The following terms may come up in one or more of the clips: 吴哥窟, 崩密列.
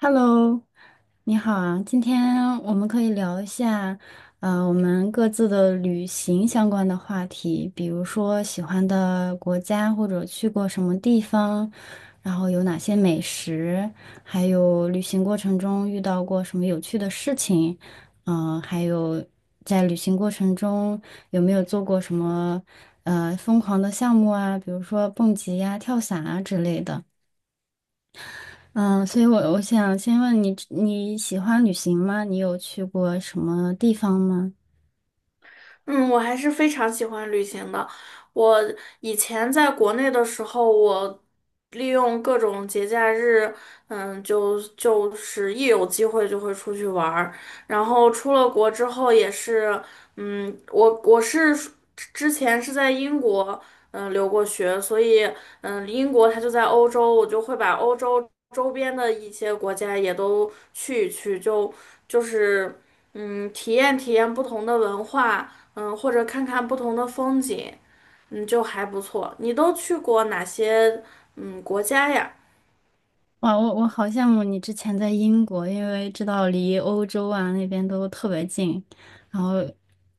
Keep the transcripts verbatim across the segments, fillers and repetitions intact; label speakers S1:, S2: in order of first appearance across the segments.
S1: Hello，你好啊，今天我们可以聊一下，呃，我们各自的旅行相关的话题，比如说喜欢的国家或者去过什么地方，然后有哪些美食，还有旅行过程中遇到过什么有趣的事情，嗯、还有在旅行过程中有没有做过什么呃疯狂的项目啊，比如说蹦极呀、跳伞啊之类的。嗯，所以我我想先问你，你喜欢旅行吗？你有去过什么地方吗？
S2: 嗯，我还是非常喜欢旅行的。我以前在国内的时候，我利用各种节假日，嗯，就就是一有机会就会出去玩儿。然后出了国之后也是，嗯，我我是之前是在英国，嗯，留过学，所以，嗯，英国它就在欧洲，我就会把欧洲周边的一些国家也都去一去，就就是。嗯，体验体验不同的文化，嗯，或者看看不同的风景，嗯，就还不错。你都去过哪些嗯国家呀？
S1: 哇，我我好羡慕你之前在英国，因为知道离欧洲啊那边都特别近，然后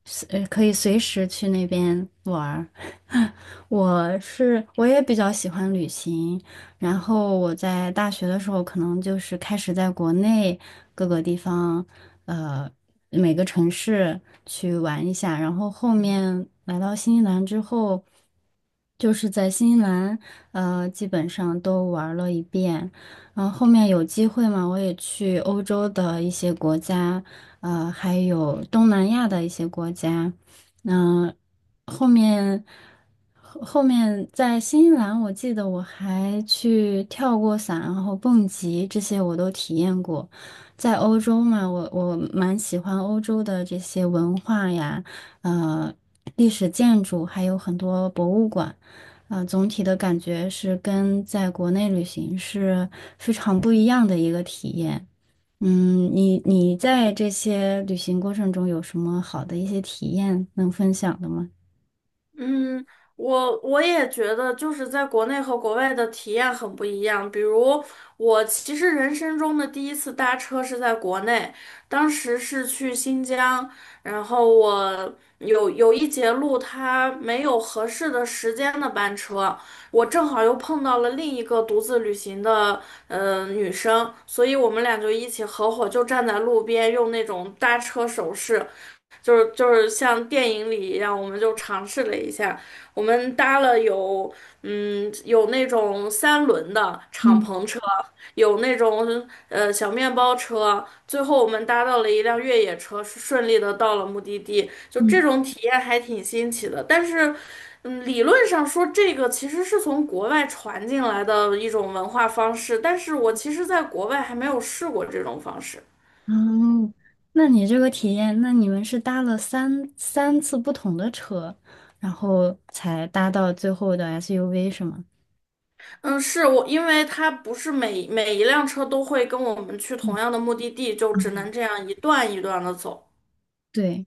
S1: 随呃可以随时去那边玩儿。我是我也比较喜欢旅行，然后我在大学的时候可能就是开始在国内各个地方，呃每个城市去玩一下，然后后面来到新西兰之后，就是在新西兰呃基本上都玩了一遍。然后后面有机会嘛，我也去欧洲的一些国家，呃，还有东南亚的一些国家。那、后面后后面在新西兰，我记得我还去跳过伞，然后蹦极这些我都体验过。在欧洲嘛，我我蛮喜欢欧洲的这些文化呀，呃，历史建筑，还有很多博物馆。啊，总体的感觉是跟在国内旅行是非常不一样的一个体验。嗯，你你在这些旅行过程中有什么好的一些体验能分享的吗？
S2: 嗯，我我也觉得，就是在国内和国外的体验很不一样。比如，我其实人生中的第一次搭车是在国内，当时是去新疆，然后我有有一节路它没有合适的时间的班车，我正好又碰到了另一个独自旅行的呃女生，所以我们俩就一起合伙就站在路边用那种搭车手势。就是就是像电影里一样，我们就尝试了一下，我们搭了有嗯有那种三轮的敞
S1: 嗯
S2: 篷车，有那种呃小面包车，最后我们搭到了一辆越野车，顺利的到了目的地，就这
S1: 嗯，
S2: 种体验还挺新奇的，但是。嗯，理论上说，这个其实是从国外传进来的一种文化方式，但是我其实在国外还没有试过这种方式。
S1: 哦，那你这个体验，那你们是搭了三三次不同的车，然后才搭到最后的 S U V 是吗？
S2: 嗯，是我，因为它不是每每一辆车都会跟我们去同样的目的地，就只能这样一段一段的走。
S1: 对，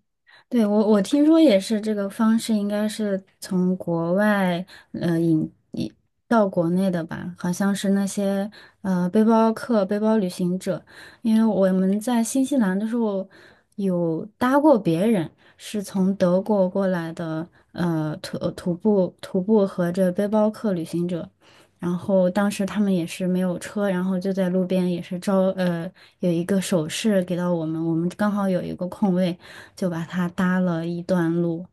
S1: 对，我我听说也是这个方式，应该是从国外呃引引到国内的吧？好像是那些呃背包客、背包旅行者，因为我们在新西兰的时候有搭过别人，是从德国过来的呃徒徒步徒步和这背包客旅行者，然后当时他们也是没有车，然后就在路边也是招呃有一个手势给到我们，我们刚好有一个空位，就把它搭了一段路。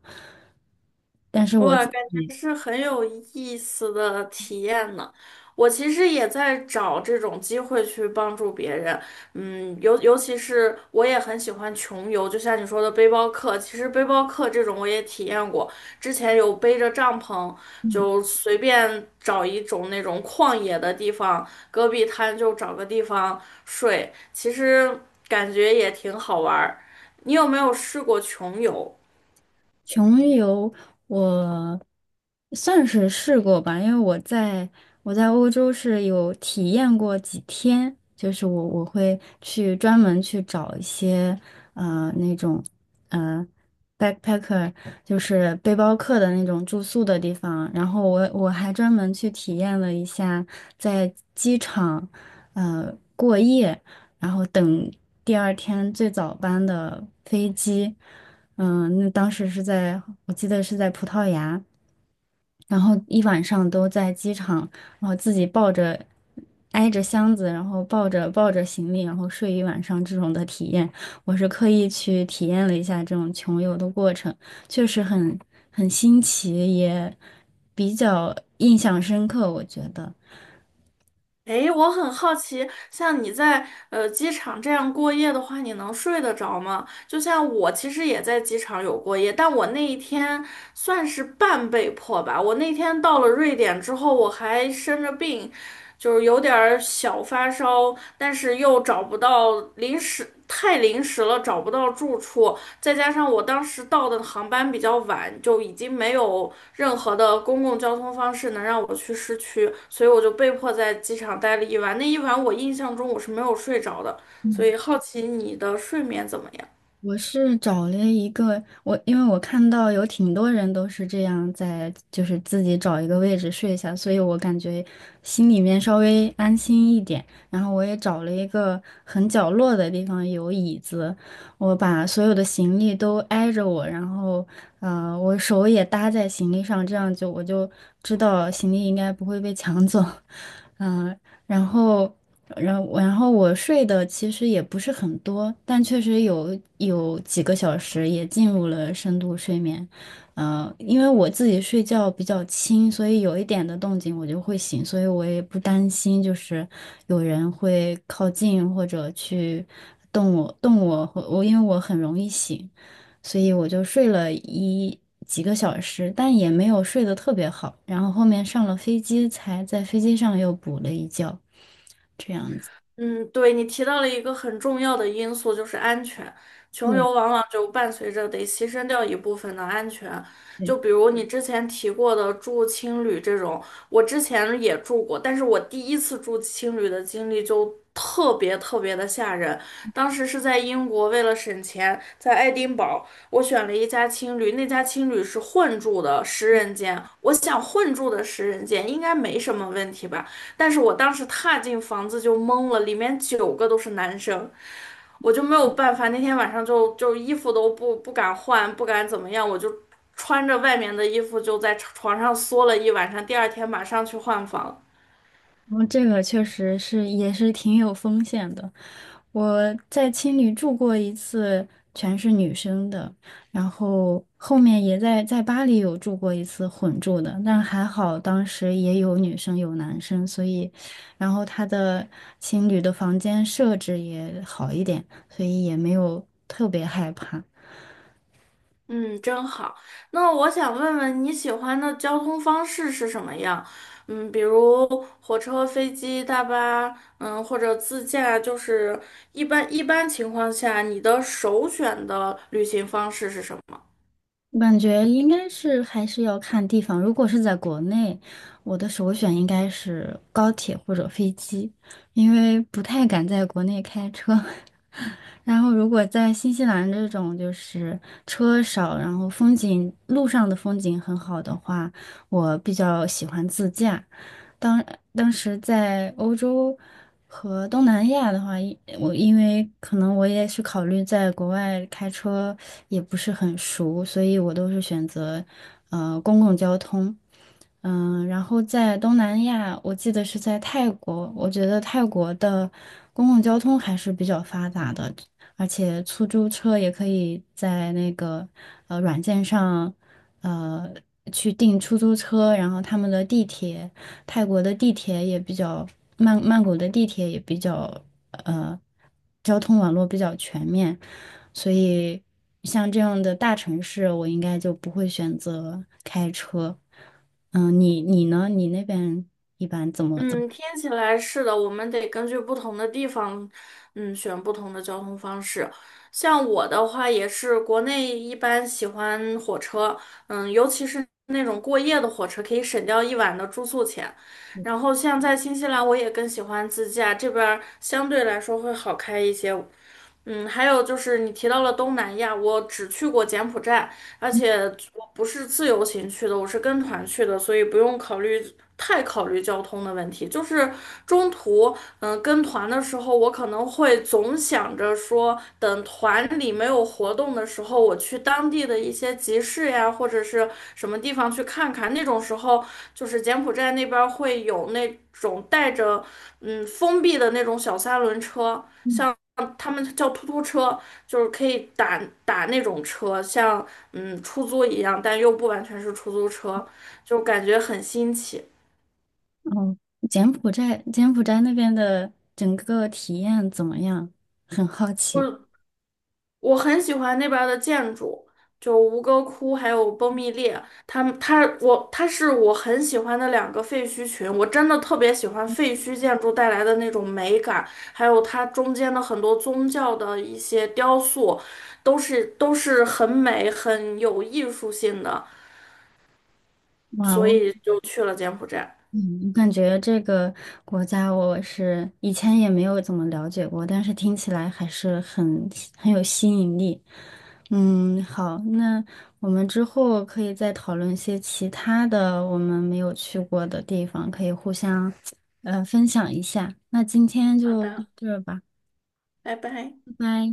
S1: 但是我
S2: 哇，
S1: 自
S2: 感觉是很有意思的体验呢。我其实也在找这种机会去帮助别人，嗯，尤尤其是我也很喜欢穷游，就像你说的背包客，其实背包客这种我也体验过，之前有背着帐篷，就随便找一种那种旷野的地方，戈壁滩就找个地方睡，其实感觉也挺好玩儿。你有没有试过穷游？
S1: 穷游我算是试过吧，因为我在我在欧洲是有体验过几天，就是我我会去专门去找一些呃那种呃 backpacker，就是背包客的那种住宿的地方，然后我我还专门去体验了一下在机场呃过夜，然后等第二天最早班的飞机。嗯，那当时是在，我记得是在葡萄牙，然后一晚上都在机场，然后自己抱着，挨着箱子，然后抱着抱着行李，然后睡一晚上这种的体验，我是刻意去体验了一下这种穷游的过程，确实很很新奇，也比较印象深刻，我觉得。
S2: 诶，我很好奇，像你在呃机场这样过夜的话，你能睡得着吗？就像我其实也在机场有过夜，但我那一天算是半被迫吧。我那天到了瑞典之后，我还生着病，就是有点儿小发烧，但是又找不到临时，太临时了，找不到住处，再加上我当时到的航班比较晚，就已经没有任何的公共交通方式能让我去市区，所以我就被迫在机场待了一晚。那一晚我印象中我是没有睡着的，所以好奇你的睡眠怎么样？
S1: 我是找了一个我，因为我看到有挺多人都是这样在，就是自己找一个位置睡下，所以我感觉心里面稍微安心一点。然后我也找了一个很角落的地方，有椅子，我把所有的行李都挨着我，然后呃，我手也搭在行李上，这样就我就知道行李应该不会被抢走，嗯、然后。然后然后我睡的其实也不是很多，但确实有有几个小时也进入了深度睡眠。呃，因为我自己睡觉比较轻，所以有一点的动静我就会醒，所以我也不担心就是有人会靠近或者去动我动我，或我因为我很容易醒，所以我就睡了一几个小时，但也没有睡得特别好。然后后面上了飞机才在飞机上又补了一觉。
S2: 嗯，对，你提到了一个很重要的因素，就是安全。穷
S1: 对。
S2: 游往往就伴随着得牺牲掉一部分的安全，
S1: 对，
S2: 就比如你之前提过的住青旅这种，我之前也住过，但是我第一次住青旅的经历就特别特别的吓人。当时是在英国，为了省钱，在爱丁堡，我选了一家青旅，那家青旅是混住的十人间，我想混住的十人间应该没什么问题吧。但是我当时踏进房子就懵了，里面九个都是男生，我就没有办法。那天晚上就就衣服都不不敢换，不敢怎么样，我就穿着外面的衣服就在床上缩了一晚上。第二天马上去换房，
S1: 然后这个确实是也是挺有风险的。我在青旅住过一次，全是女生的，然后后面也在在巴黎有住过一次混住的，但还好当时也有女生有男生，所以，然后他的青旅的房间设置也好一点，所以也没有特别害怕。
S2: 嗯，真好。那我想问问你喜欢的交通方式是什么样？嗯，比如火车、飞机、大巴，嗯，或者自驾，就是一般一般情况下，你的首选的旅行方式是什么？
S1: 我感觉应该是还是要看地方。如果是在国内，我的首选应该是高铁或者飞机，因为不太敢在国内开车。然后如果在新西兰这种就是车少，然后风景路上的风景很好的话，我比较喜欢自驾。当当时在欧洲和东南亚的话，因我因为可能我也是考虑在国外开车也不是很熟，所以我都是选择呃公共交通。嗯，然后在东南亚，我记得是在泰国，我觉得泰国的公共交通还是比较发达的，而且出租车也可以在那个呃软件上，呃去订出租车，然后他们的地铁，泰国的地铁也比较，曼曼谷的地铁也比较，呃，交通网络比较全面，所以像这样的大城市，我应该就不会选择开车。嗯，你你呢？你那边怎么怎么？
S2: 嗯，听起来是的，我们得根据不同的地方，嗯，选不同的交通方式。像我的话，也是国内一般喜欢火车，嗯，尤其是那种过夜的火车，可以省掉一晚的住宿钱。然后像在新西兰，我也更喜欢自驾，这边儿相对来说会好开一些。嗯，还有就是你提到了东南亚，我只去过柬埔寨，而且我不是自由行去的，我是跟团去的，所以不用考虑太考虑交通的问题。就是中途嗯，跟团的时候，我可能会总想着说，等团里没有活动的时候，我去当地的一些集市呀，或者是什么地方去看看。那种时候，就是柬埔寨那边儿会有那种带着嗯封闭的那种小三轮车，像他们叫突突车，就是可以打打那种车，像嗯出租一样，但又不完全是出租车，就感觉很新奇。
S1: 哦，柬埔寨，柬埔寨那边的整个体验怎么样？很好
S2: 就
S1: 奇。
S2: 是我很喜欢那边儿的建筑，就吴哥窟还有崩密列，他们他我他是我很喜欢的两个废墟群，我真的特别喜欢废墟建筑带来的那种美感，还有它中间的很多宗教的一些雕塑，都是都是很美很有艺术性的，
S1: 哇，
S2: 所
S1: 我
S2: 以就去了柬埔寨。
S1: 嗯，我感觉这个国家我是以前也没有怎么了解过，但是听起来还是很很有吸引力。嗯，好，那我们之后可以再讨论一些其他的我们没有去过的地方，可以互相呃分享一下。那今天
S2: 好
S1: 就到
S2: 的，
S1: 这儿吧，
S2: 拜拜。
S1: 拜拜。